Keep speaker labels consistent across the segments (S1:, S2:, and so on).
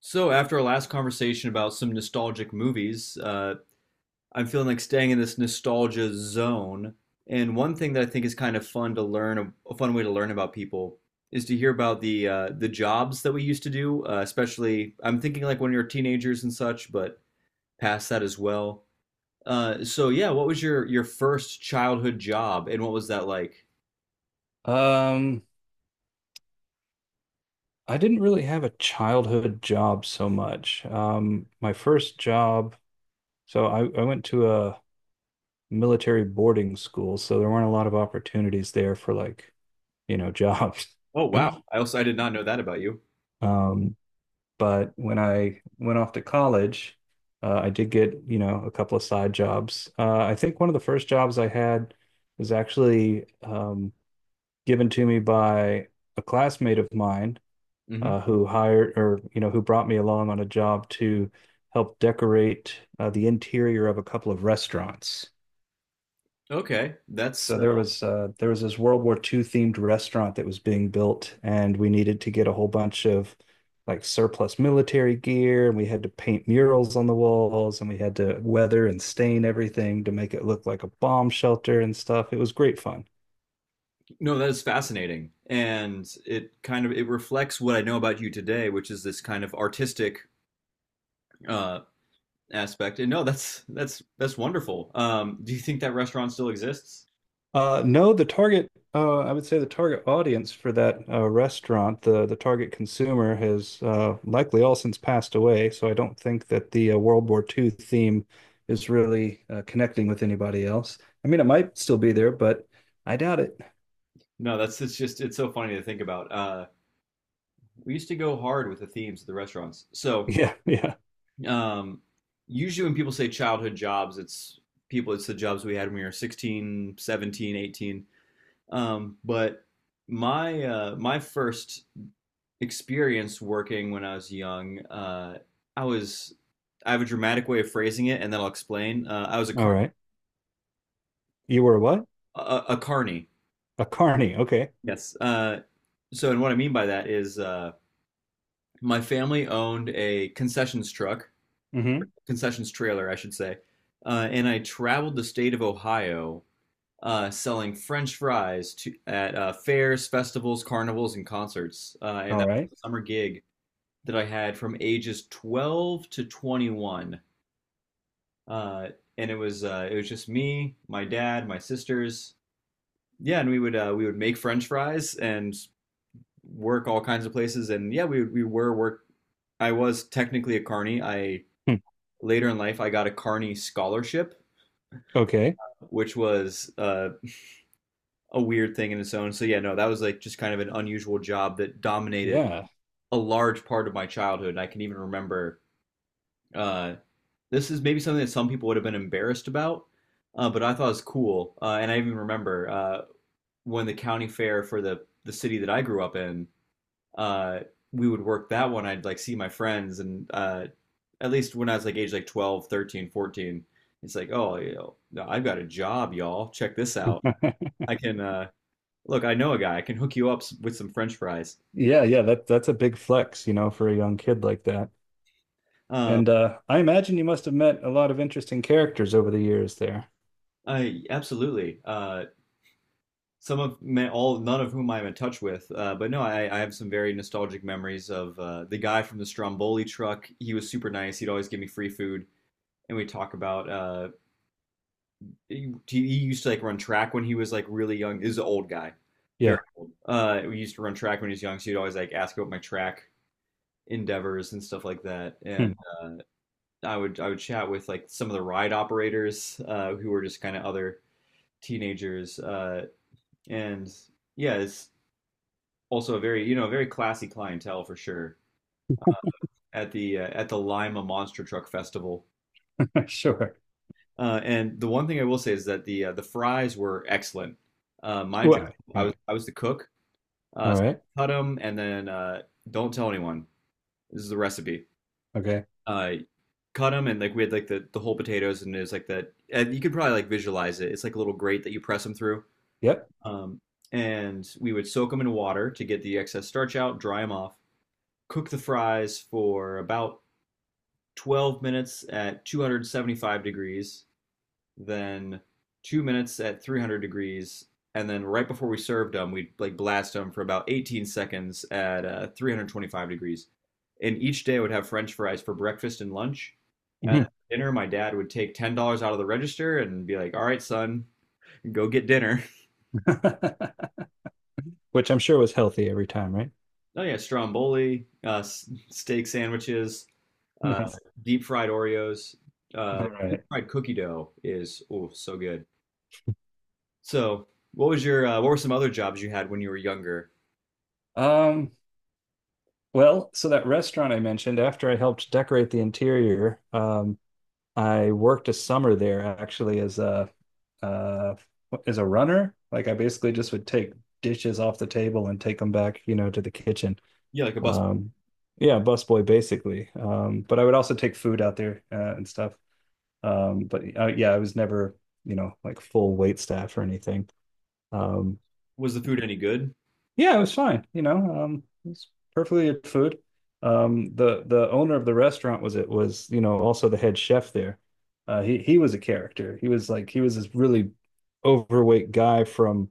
S1: So, after our last conversation about some nostalgic movies, I'm feeling like staying in this nostalgia zone. And one thing that I think is kind of fun to learn, a fun way to learn about people, is to hear about the jobs that we used to do. Especially, I'm thinking like when you're teenagers and such, but past that as well. So, yeah, what was your first childhood job, and what was that like?
S2: Um, I didn't really have a childhood job so much. My first job, so I went to a military boarding school, so there weren't a lot of opportunities there for like, you know, jobs.
S1: Oh, wow! I also I did not know that about you.
S2: Um, but when I went off to college, I did get, you know, a couple of side jobs. I think one of the first jobs I had was actually given to me by a classmate of mine.
S1: Hmm.
S2: Who hired, or you know, who brought me along on a job to help decorate the interior of a couple of restaurants.
S1: Okay, that's
S2: So there was this World War II themed restaurant that was being built, and we needed to get a whole bunch of like surplus military gear, and we had to paint murals on the walls, and we had to weather and stain everything to make it look like a bomb shelter and stuff. It was great fun.
S1: no, that is fascinating. And it kind of it reflects what I know about you today, which is this kind of artistic uh aspect. And no, that's wonderful. Do you think that restaurant still exists?
S2: No, the target, I would say the target audience for that restaurant, the target consumer has likely all since passed away. So I don't think that the World War II theme is really connecting with anybody else. I mean, it might still be there, but I doubt it.
S1: No, that's it's just, it's so funny to think about. We used to go hard with the themes of the restaurants. So,
S2: Yeah, yeah.
S1: um, usually when people say childhood jobs, it's the jobs we had when we were 16, 17, 18. But my first experience working when I was young, I was I have a dramatic way of phrasing it, and then I'll explain. I was a
S2: All
S1: car
S2: right. You were what?
S1: a, a carny.
S2: A carny. Okay.
S1: Yes. So, and what I mean by that is my family owned a concessions truck,
S2: Mm-hmm.
S1: concessions trailer, I should say, and I traveled the state of Ohio, selling French fries to at, fairs, festivals, carnivals, and concerts. And
S2: All
S1: that was
S2: right.
S1: a summer gig that I had from ages 12 to 21. Uh, and it was just me, my dad, my sisters. Yeah, and we would make French fries and work all kinds of places. And yeah, we were work. I was technically a carny. I
S2: Hmm.
S1: Later in life, I got a carny scholarship,
S2: Okay.
S1: which was a weird thing in its own. So yeah, no, that was like just kind of an unusual job that dominated
S2: Yeah.
S1: a large part of my childhood. And I can even remember, uh, this is maybe something that some people would have been embarrassed about, but I thought it was cool. And I even remember, when the county fair for the city that I grew up in, uh, we would work that one. I'd like see my friends, and at least when I was like age like 12, 13, 14, 13, it's like, oh, you know, no, I've got a job, y'all. Check this out. I can, look, I know a guy. I can hook you up with some French fries.
S2: Yeah, yeah. That that's a big flex, you know, for a young kid like that.
S1: Um,
S2: And I imagine you must have met a lot of interesting characters over the years there.
S1: I absolutely. All, none of whom I'm in touch with, but no, I have some very nostalgic memories of the guy from the Stromboli truck. He was super nice. He'd always give me free food, and we talk about, he used to like run track when he was like really young. This is an old guy, very
S2: Yeah.
S1: old. We used to run track when he was young, so he'd always like ask about my track endeavors and stuff like that. And uh, I would chat with like some of the ride operators, who were just kind of other teenagers. And yeah, it's also a very, very classy clientele for sure at the Lima Monster Truck Festival.
S2: Sure.
S1: And the one thing I will say is that the fries were excellent. My
S2: Well,
S1: job,
S2: all
S1: I was
S2: right.
S1: I was the cook.
S2: All
S1: Uh,
S2: right.
S1: Cut them, and then don't tell anyone. This is the recipe.
S2: Okay.
S1: Uh, Cut them, and like we had like the whole potatoes, and it's like that. And you could probably like visualize it. It's like a little grate that you press them through.
S2: Yep.
S1: Um, and we would soak them in water to get the excess starch out, dry them off, cook the fries for about 12 minutes at 275 degrees, then 2 minutes at 300 degrees, and then right before we served them, we'd like blast them for about 18 seconds at 325 degrees. And each day I would have French fries for breakfast and lunch. And
S2: Mhm.
S1: at dinner, my dad would take $10 out of the register and be like, "All right, son, go get dinner."
S2: Which I'm sure was healthy every time, right?
S1: Oh yeah, stromboli, steak sandwiches, uh,
S2: Nice.
S1: deep fried Oreos,
S2: All
S1: deep
S2: right.
S1: fried cookie dough is oh so good. So, what was your what were some other jobs you had when you were younger?
S2: Um, well, so that restaurant I mentioned, after I helped decorate the interior, I worked a summer there actually uh, as a runner. Like I basically just would take dishes off the table and take them back, you know, to the kitchen.
S1: Yeah, like a bus.
S2: Um, yeah, busboy basically. But I would also take food out there and stuff. But yeah, I was never, you know, like full wait staff or anything. Um,
S1: Was the food any good?
S2: yeah, it was fine. You know, it was perfectly good food. The owner of the restaurant was, it was, you know, also the head chef there. He was a character. He was like, he was this really overweight guy from,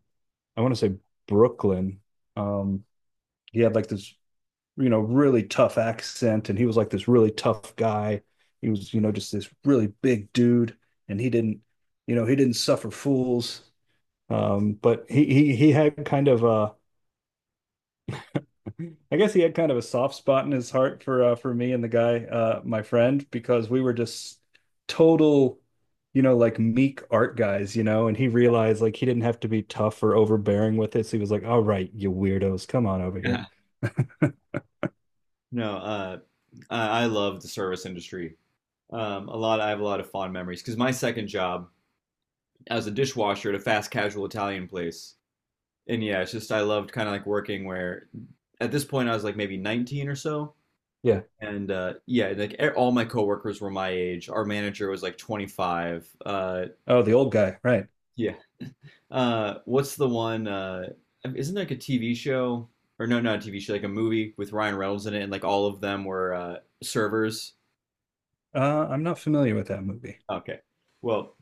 S2: I want to say, Brooklyn. Um, he had like this, you know, really tough accent. And he was like this really tough guy. He was, you know, just this really big dude. And he didn't, you know, he didn't suffer fools. But he had kind of a, I guess he had kind of a soft spot in his heart for me and the guy, my friend, because we were just total, you know, like meek art guys, you know. And he realized like he didn't have to be tough or overbearing with this. He was like, "All right, you weirdos, come on over here."
S1: No, I love the service industry. A lot. I have a lot of fond memories because my second job as a dishwasher at a fast casual Italian place. And yeah, it's just I loved kind of like working where at this point I was like maybe 19 or so.
S2: Yeah.
S1: And yeah, like all my coworkers were my age. Our manager was like 25.
S2: Oh, the old guy, right?
S1: Yeah. What's the one? Isn't there like a TV show, or no, not a TV show, like a movie with Ryan Reynolds in it, and like all of them were, servers.
S2: I'm not familiar with that movie.
S1: Okay. Well,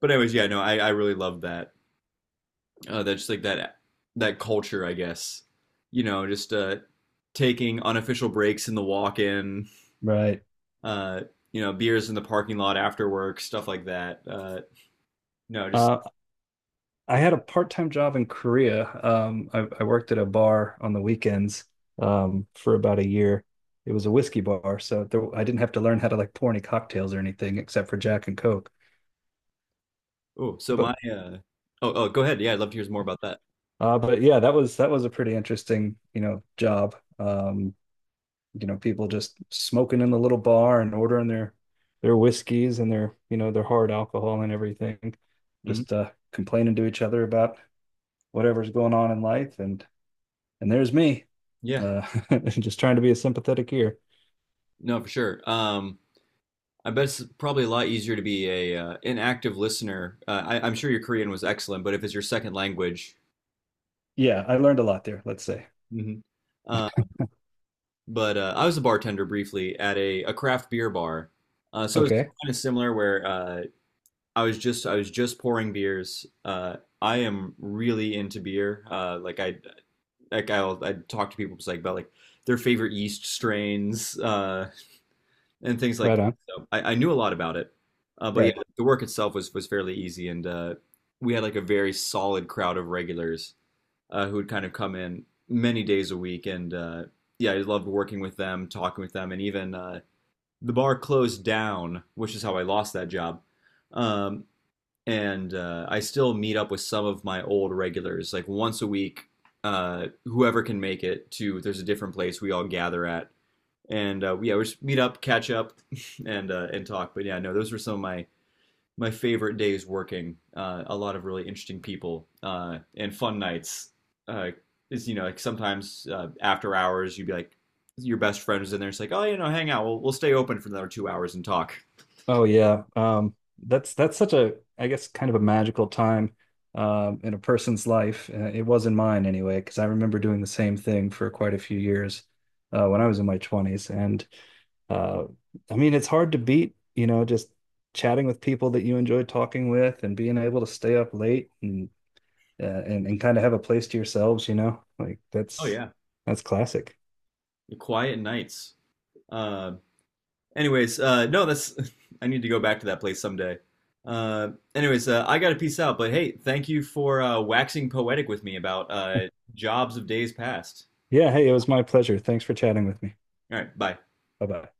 S1: but anyways, yeah, no, I really loved that. That's like that culture, I guess. Just taking unofficial breaks in the walk-in,
S2: Right.
S1: uh, beers in the parking lot after work, stuff like that. No, just
S2: Uh, I had a part-time job in Korea. I worked at a bar on the weekends for about a year. It was a whiskey bar, so there, I didn't have to learn how to like pour any cocktails or anything except for Jack and Coke.
S1: oh,
S2: But
S1: go ahead. Yeah, I'd love to hear more about that.
S2: but yeah, that was a pretty interesting, you know, job. You know, people just smoking in the little bar and ordering their whiskeys and their, you know, their hard alcohol and everything,
S1: Hmm.
S2: just complaining to each other about whatever's going on in life, and there's me
S1: Yeah,
S2: uh just trying to be a sympathetic ear.
S1: no, for sure. I bet it's probably a lot easier to be a an active listener. I'm sure your Korean was excellent, but if it's your second language.
S2: Yeah, I learned a lot there, let's say.
S1: Hmm. But I was a bartender briefly at a craft beer bar. So it's
S2: Okay.
S1: kind of similar where I was just pouring beers. I am really into beer. Like, I talk to people just like about like their favorite yeast strains, and things like that.
S2: Right on.
S1: So I knew a lot about it. But yeah,
S2: Right.
S1: the work itself was fairly easy, and we had like a very solid crowd of regulars, who would kind of come in many days a week, and yeah, I loved working with them, talking with them, and even, the bar closed down, which is how I lost that job. Um, and I still meet up with some of my old regulars, like once a week. Whoever can make it there's a different place we all gather at, and yeah, we just meet up, catch up, and talk. But yeah, no, those were some of my favorite days working. A lot of really interesting people, and fun nights. Uh, is you know Like, sometimes after hours you'd be like your best friend was in there. It's like, "Oh, hang out. We'll stay open for another 2 hours and talk."
S2: Oh yeah. That's such a, I guess, kind of a magical time in a person's life. It was in mine anyway, because I remember doing the same thing for quite a few years when I was in my 20s, and uh I mean, it's hard to beat, you know, just chatting with people that you enjoy talking with and being able to stay up late and kind of have a place to yourselves, you know? Like
S1: Oh yeah.
S2: that's classic.
S1: The quiet nights. Uh, Anyways, no, that's I need to go back to that place someday. Anyways, I gotta peace out. But hey, thank you for waxing poetic with me about jobs of days past.
S2: Yeah, hey, it was my pleasure. Thanks for chatting with me.
S1: All right, bye.
S2: Bye-bye.